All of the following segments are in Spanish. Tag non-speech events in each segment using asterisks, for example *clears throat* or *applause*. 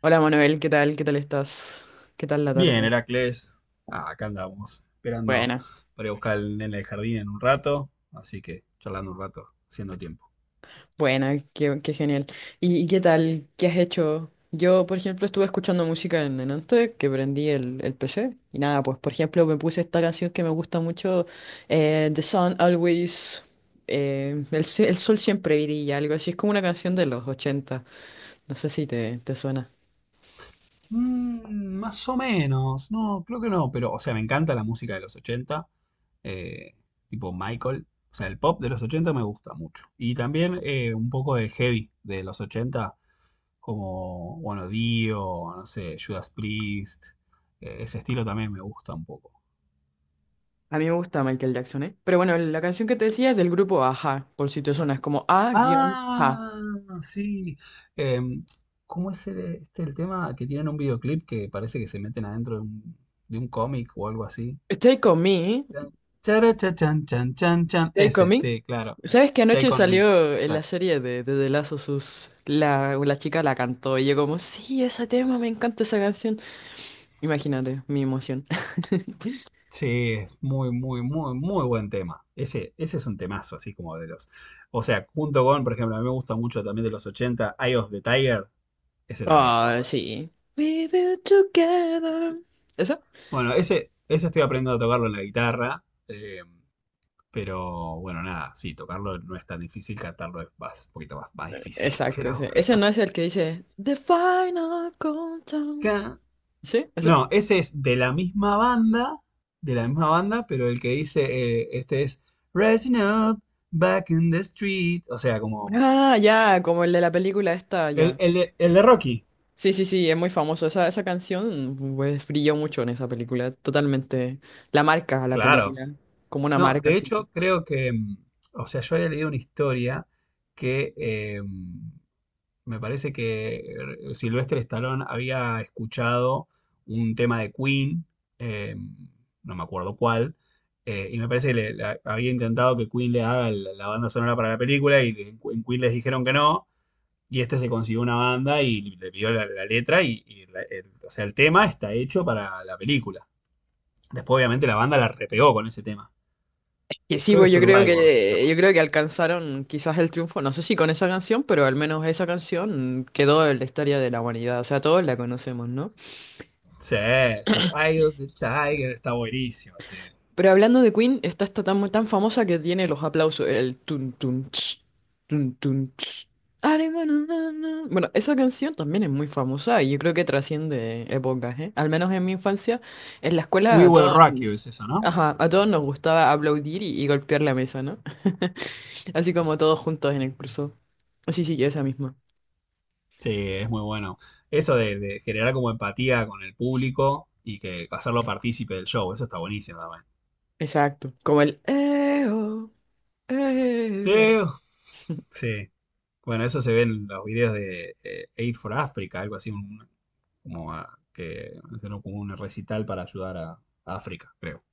Hola Manuel, ¿qué tal? ¿Qué tal estás? ¿Qué tal la Bien, tarde? Heracles. Ah, acá andamos, esperando Buena, para ir a buscar al nene del jardín en un rato, así que charlando un rato, haciendo tiempo. buena, qué genial. ¿Y qué tal? ¿Qué has hecho? Yo, por ejemplo, estuve escuchando música en antes, que prendí el PC. Y nada, pues por ejemplo me puse esta canción que me gusta mucho, The Sun Always, el sol siempre brilla, algo así. Es como una canción de los 80. No sé si te suena. Mm, más o menos, no, creo que no, pero, o sea, me encanta la música de los 80, eh, tipo Michael, o sea, el pop de los 80 me gusta mucho. Y también un poco de heavy de los 80, como, bueno, Dio, no sé, Judas Priest, ese estilo también me gusta un poco. A mí me gusta Michael Jackson, ¿eh? Pero bueno, la canción que te decía es del grupo Aja, por si te suena, es como A-H. Ah, sí. Em, ¿cómo es el, el tema que tienen un videoclip que parece que se meten adentro de un cómic o algo así? Stay con me. Chan, chara, cha, chan, chan, chan, chan. Stay Ese, Coming. sí, claro. El ¿Sabes que anoche Take on Me. salió en la Exacto. serie de The Last of Us? La chica la cantó y yo como, sí, ese tema, me encanta esa canción. Imagínate mi emoción. *laughs* Sí, es muy, muy, muy, muy buen tema. Ese es un temazo, así como de los. O sea, junto con, por ejemplo, a mí me gusta mucho también de los 80, Eye of the Tiger. Ese también está Ah, bueno. sí. We will together. ¿Eso? Bueno, ese estoy aprendiendo a tocarlo en la guitarra. Pero bueno, nada, sí, tocarlo no es tan difícil, cantarlo es más, un poquito más, más difícil, *laughs* Exacto, pero ese. Ese bueno. no es el que dice The Final Countdown. Ca- ¿Sí? ¿Ese? No, ese es de la misma banda, pero el que dice, este es Rising Up, Back in the Street, o sea, como Ah, ya, como el de la película esta, el, ya. el de el de Rocky, Sí, sí, sí, es muy famoso. Esa canción, pues, brilló mucho en esa película. Totalmente. La marca, la claro. película. Como una No, marca, de sí. hecho creo que, o sea, yo había leído una historia que me parece que Sylvester Stallone había escuchado un tema de Queen, eh, no me acuerdo cuál, y me parece que le había intentado que Queen le haga la banda sonora para la película, y en Queen les dijeron que no, y este se consiguió una banda y le pidió la letra, y o sea, el tema está hecho para la película. Después obviamente la banda la repegó con ese tema. Que sí, Creo que pues yo creo Survivor se que llama. yo creo que alcanzaron quizás el triunfo, no sé si con esa canción, pero al menos esa canción quedó en la historia de la humanidad, o sea, todos la conocemos, ¿no? Sí, sí. Eye of the Tiger está buenísimo. Sí. Pero hablando de Queen, está esta tan famosa que tiene los aplausos, el tun tun ch, tun tun ch. Are na, na, na. Na. Bueno, esa canción también es muy famosa y yo creo que trasciende épocas, ¿eh? Al menos en mi infancia, en la escuela We a Will todos, Rock You es eso, ¿no? ajá, a todos nos gustaba aplaudir y golpear la mesa, ¿no? Así como todos juntos en el curso. Sí, sí, esa misma. Sí, es muy bueno. Eso de generar como empatía con el público y que hacerlo partícipe del show, eso está buenísimo también. Exacto. Como el "Eo, eh". Eh, Sí, bueno, eso se ve en los videos de Aid for Africa, algo así, que hicieron como un recital para ayudar a África, creo.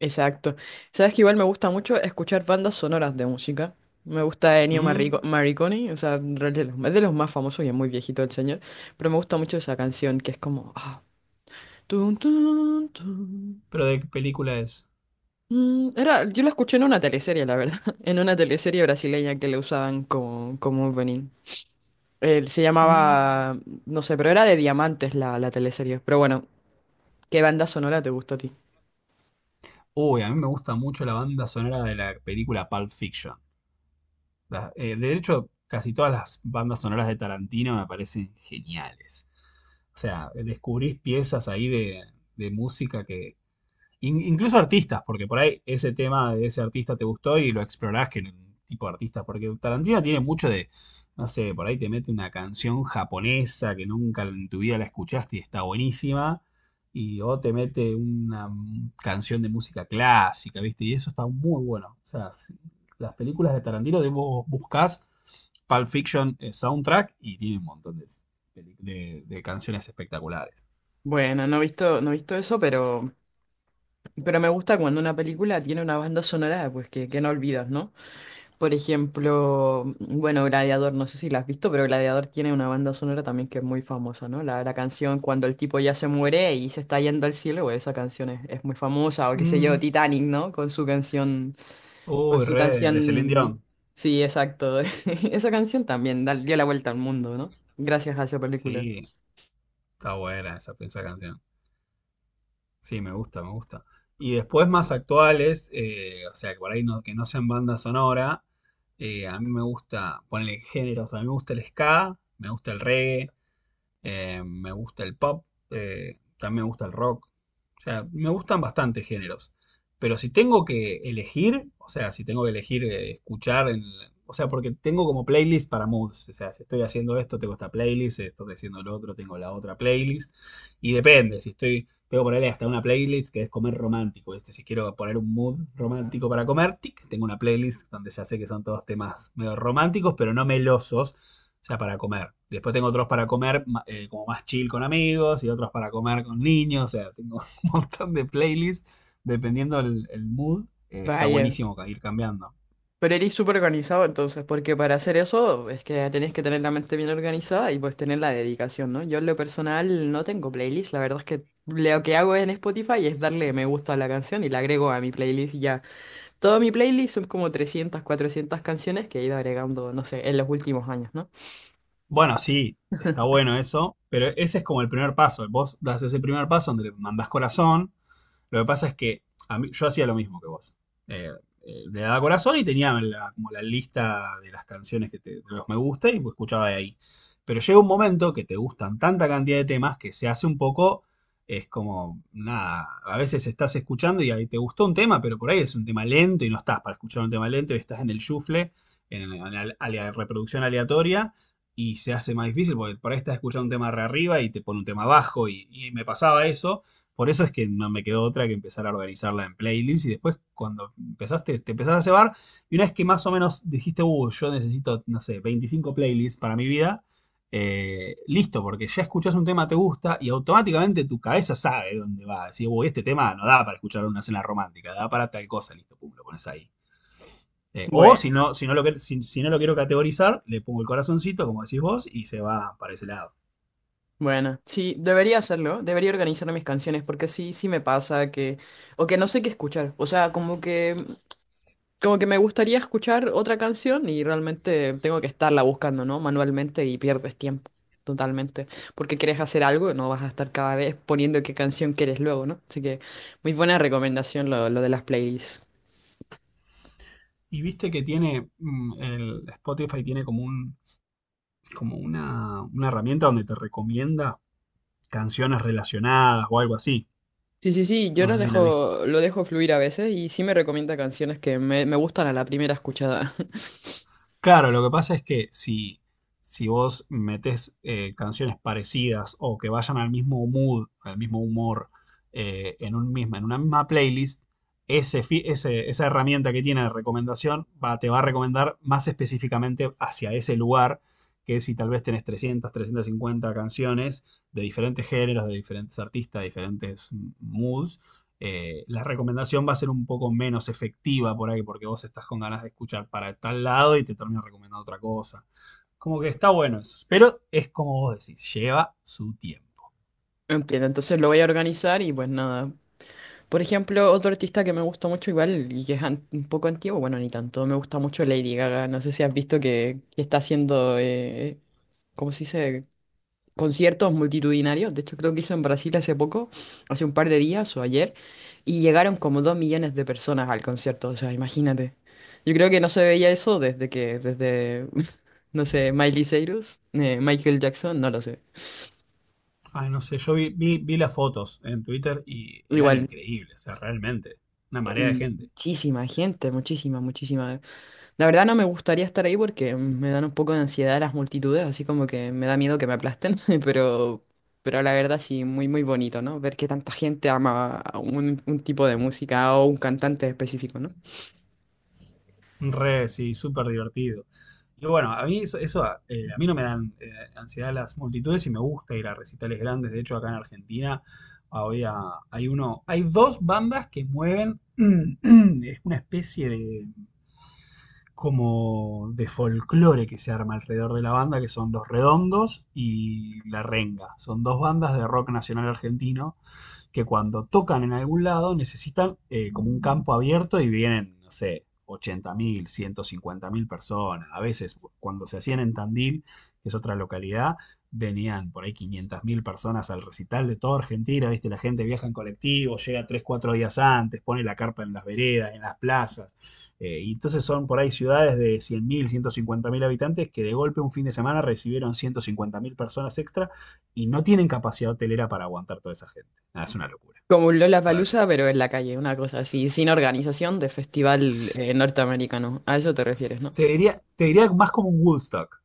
Exacto. Sabes que igual me gusta mucho escuchar bandas sonoras de música. Me gusta Ennio Mm, Morricone, o sea, en realidad es de los más famosos y es muy viejito el señor, pero me gusta mucho esa canción que es como ah, tun, tun, tun. pero ¿de qué película es? Era, yo la escuché en una teleserie, la verdad, *laughs* en una teleserie brasileña que le usaban como opening. Él se Mm. llamaba, no sé, pero era de Diamantes la teleserie. Pero bueno, ¿qué banda sonora te gustó a ti? Uy, a mí me gusta mucho la banda sonora de la película Pulp Fiction. De hecho, casi todas las bandas sonoras de Tarantino me parecen geniales. O sea, descubrís piezas ahí de música incluso artistas, porque por ahí ese tema de ese artista te gustó y lo explorás que en un tipo de artista, porque Tarantino tiene mucho de, no sé, por ahí te mete una canción japonesa que nunca en tu vida la escuchaste y está buenísima, y o te mete una canción de música clásica, ¿viste? Y eso está muy bueno. O sea, las películas de Tarantino, de vos buscás Pulp Fiction soundtrack, y tiene un montón de canciones espectaculares. Bueno, no he visto eso, pero me gusta cuando una película tiene una banda sonora, pues que no olvidas, ¿no? Por ejemplo, bueno, Gladiador, no sé si la has visto, pero Gladiador tiene una banda sonora también que es muy famosa, ¿no? La canción cuando el tipo ya se muere y se está yendo al cielo, pues, esa canción es muy famosa, o qué sé yo, Mm. Titanic, ¿no? Con su canción. Con Uy, su re, de Celine canción, Dion. sí, exacto. *laughs* Esa canción también dio la vuelta al mundo, ¿no? Gracias a esa película. Sí, está buena esa canción. Sí, me gusta, me gusta. Y después más actuales, o sea, que por ahí no, que no sean banda sonora, a mí me gusta ponerle géneros, a mí me gusta el ska, me gusta el reggae, me gusta el pop, también me gusta el rock. O sea, me gustan bastante géneros. Pero si tengo que elegir, o sea, si tengo que elegir escuchar, o sea, porque tengo como playlist para moods. O sea, si estoy haciendo esto, tengo esta playlist, si estoy haciendo lo otro, tengo la otra playlist. Y depende, si estoy, tengo que ponerle hasta una playlist que es comer romántico. ¿Viste? Si quiero poner un mood romántico para comer, tic, tengo una playlist donde ya sé que son todos temas medio románticos, pero no melosos. O sea, para comer. Después tengo otros para comer como más chill con amigos y otros para comer con niños. O sea, tengo *laughs* montón de playlists, dependiendo el mood, está Vaya, buenísimo ir cambiando. pero eres súper organizado entonces, porque para hacer eso es que tenés que tener la mente bien organizada y pues tener la dedicación, ¿no? Yo en lo personal no tengo playlist, la verdad es que lo que hago en Spotify es darle me gusta a la canción y la agrego a mi playlist y ya. Todo mi playlist son como 300 400 canciones que he ido agregando, no sé, en los últimos años, ¿no? Bueno, sí, está bueno eso, pero ese es como el primer paso. Vos das ese primer paso donde le mandás corazón. Lo que pasa es que yo hacía lo mismo que vos. Eh, le daba corazón y tenía como la lista de las canciones que te, de los me gusta, y pues escuchaba de ahí. Pero llega un momento que te gustan tanta cantidad de temas que se hace un poco, es como, nada, a veces estás escuchando y ahí te gustó un tema, pero por ahí es un tema lento y no estás para escuchar un tema lento y estás en el shuffle, en la reproducción aleatoria, y se hace más difícil porque por ahí estás escuchando un tema re arriba y te pone un tema abajo, y me pasaba eso, por eso es que no me quedó otra que empezar a organizarla en playlists, y después cuando empezaste, te empezás a cebar, y una vez que más o menos dijiste, yo necesito, no sé, 25 playlists para mi vida, listo, porque ya escuchás un tema, te gusta y automáticamente tu cabeza sabe dónde va. Decís, uy, este tema no da para escuchar una cena romántica, da para tal cosa, listo, pum, lo pones ahí. O si Bueno. no, si, no lo, si, si no lo quiero categorizar, le pongo el corazoncito, como decís vos, y se va para ese lado. Bueno, sí, debería hacerlo, debería organizar mis canciones porque sí, sí me pasa que, o que no sé qué escuchar, o sea, como que me gustaría escuchar otra canción y realmente tengo que estarla buscando, ¿no? Manualmente y pierdes tiempo, totalmente, porque quieres hacer algo y no vas a estar cada vez poniendo qué canción quieres luego, ¿no? Así que muy buena recomendación lo de las playlists. Y viste que tiene, el Spotify tiene como un, como una herramienta donde te recomienda canciones relacionadas o algo así. Sí, sí, sí, yo No los sé si la viste. dejo, lo dejo fluir a veces y sí me recomienda canciones que me gustan a la primera escuchada. Claro, lo que pasa es que si vos metes canciones parecidas o que vayan al mismo mood, al mismo humor, en una misma playlist, esa herramienta que tiene de recomendación va, te va a recomendar más específicamente hacia ese lugar, que si tal vez tenés 300 350 canciones de diferentes géneros, de diferentes artistas, de diferentes moods, la recomendación va a ser un poco menos efectiva por ahí, porque vos estás con ganas de escuchar para tal lado y te termino recomendando otra cosa. Como que está bueno eso. Pero es como vos decís, lleva su tiempo. *laughs* Entiendo, entonces lo voy a organizar y pues nada, por ejemplo, otro artista que me gusta mucho igual y que es un poco antiguo, bueno, ni tanto, me gusta mucho Lady Gaga. No sé si has visto que está haciendo, ¿cómo se dice? Conciertos multitudinarios. De hecho, creo que hizo en Brasil hace poco, hace un par de días o ayer, y llegaron como 2 millones de personas al concierto. O sea, imagínate. Yo creo que no se veía eso desde que, desde, *laughs* no sé, Miley Cyrus, Michael Jackson, no lo sé. Ay, no sé, yo vi las fotos en Twitter y eran Igual, increíbles, o sea, realmente. Una marea de gente. muchísima gente, muchísima, muchísima. La verdad no me gustaría estar ahí porque me dan un poco de ansiedad las multitudes, así como que me da miedo que me aplasten, *laughs* pero, pero la verdad sí, muy muy bonito, ¿no? Ver que tanta gente ama a un tipo de música o un cantante específico, ¿no? Re, sí, súper divertido. Y bueno, a mí no me dan ansiedad las multitudes, y me gusta ir a recitales grandes. De hecho, acá en Argentina había, hay uno, hay dos bandas que mueven, *clears throat* es una especie de como de folclore que se arma alrededor de la banda, que son Los Redondos y La Renga. Son dos bandas de rock nacional argentino que cuando tocan en algún lado necesitan como un campo abierto y vienen, no sé, 80.000, mil personas. A veces, cuando se hacían en Tandil, que es otra localidad, venían por ahí 500.000 personas al recital de toda Argentina, ¿viste? La gente viaja en colectivo, llega 3 4 días antes, pone la carpa en las veredas, en las plazas. Y entonces son por ahí ciudades de 100.000, mil habitantes, que de golpe un fin de semana recibieron 150.000 personas extra, y no tienen capacidad hotelera para aguantar toda esa gente. Ah, es una locura, Como un Lollapalooza, realmente. pero en la calle, una cosa así, sin organización de festival norteamericano. A eso te refieres, ¿no? Te diría más como un Woodstock.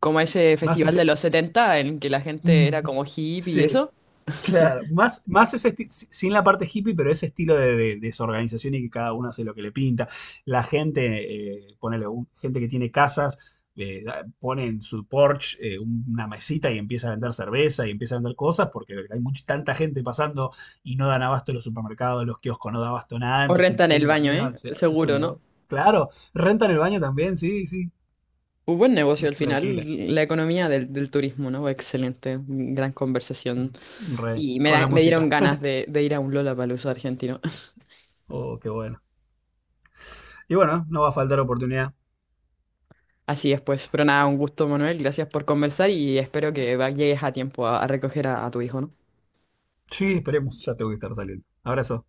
Como ese Más festival ese. de los 70 en que la gente era Mm, como hippie y sí. eso. Claro, más ese sin la parte hippie, pero ese estilo de desorganización, y que cada uno hace lo que le pinta. La gente, ponele, gente que tiene casas, pone en su porch una mesita, y empieza a vender cerveza y empieza a vender cosas porque hay mucha, tanta gente pasando, y no dan abasto los supermercados, los kioscos no dan abasto nada, O entonces la rentan el gente baño, también ¿eh? hace, hace su Seguro, ¿no? negocio. Claro, rentan el baño también, sí, sí, Un buen negocio al lo final, alquilan. la economía del turismo, ¿no? Excelente, gran conversación. Mm, re, Y con la me dieron música. ganas *laughs* de ir a un Lollapalooza argentino. Oh, qué bueno. Y bueno, no va a faltar oportunidad. *laughs* Así es, pues, pero nada, un gusto, Manuel. Gracias por conversar y espero que llegues a tiempo a recoger a tu hijo, ¿no? Sí, esperemos, ya tengo que estar saliendo. Abrazo.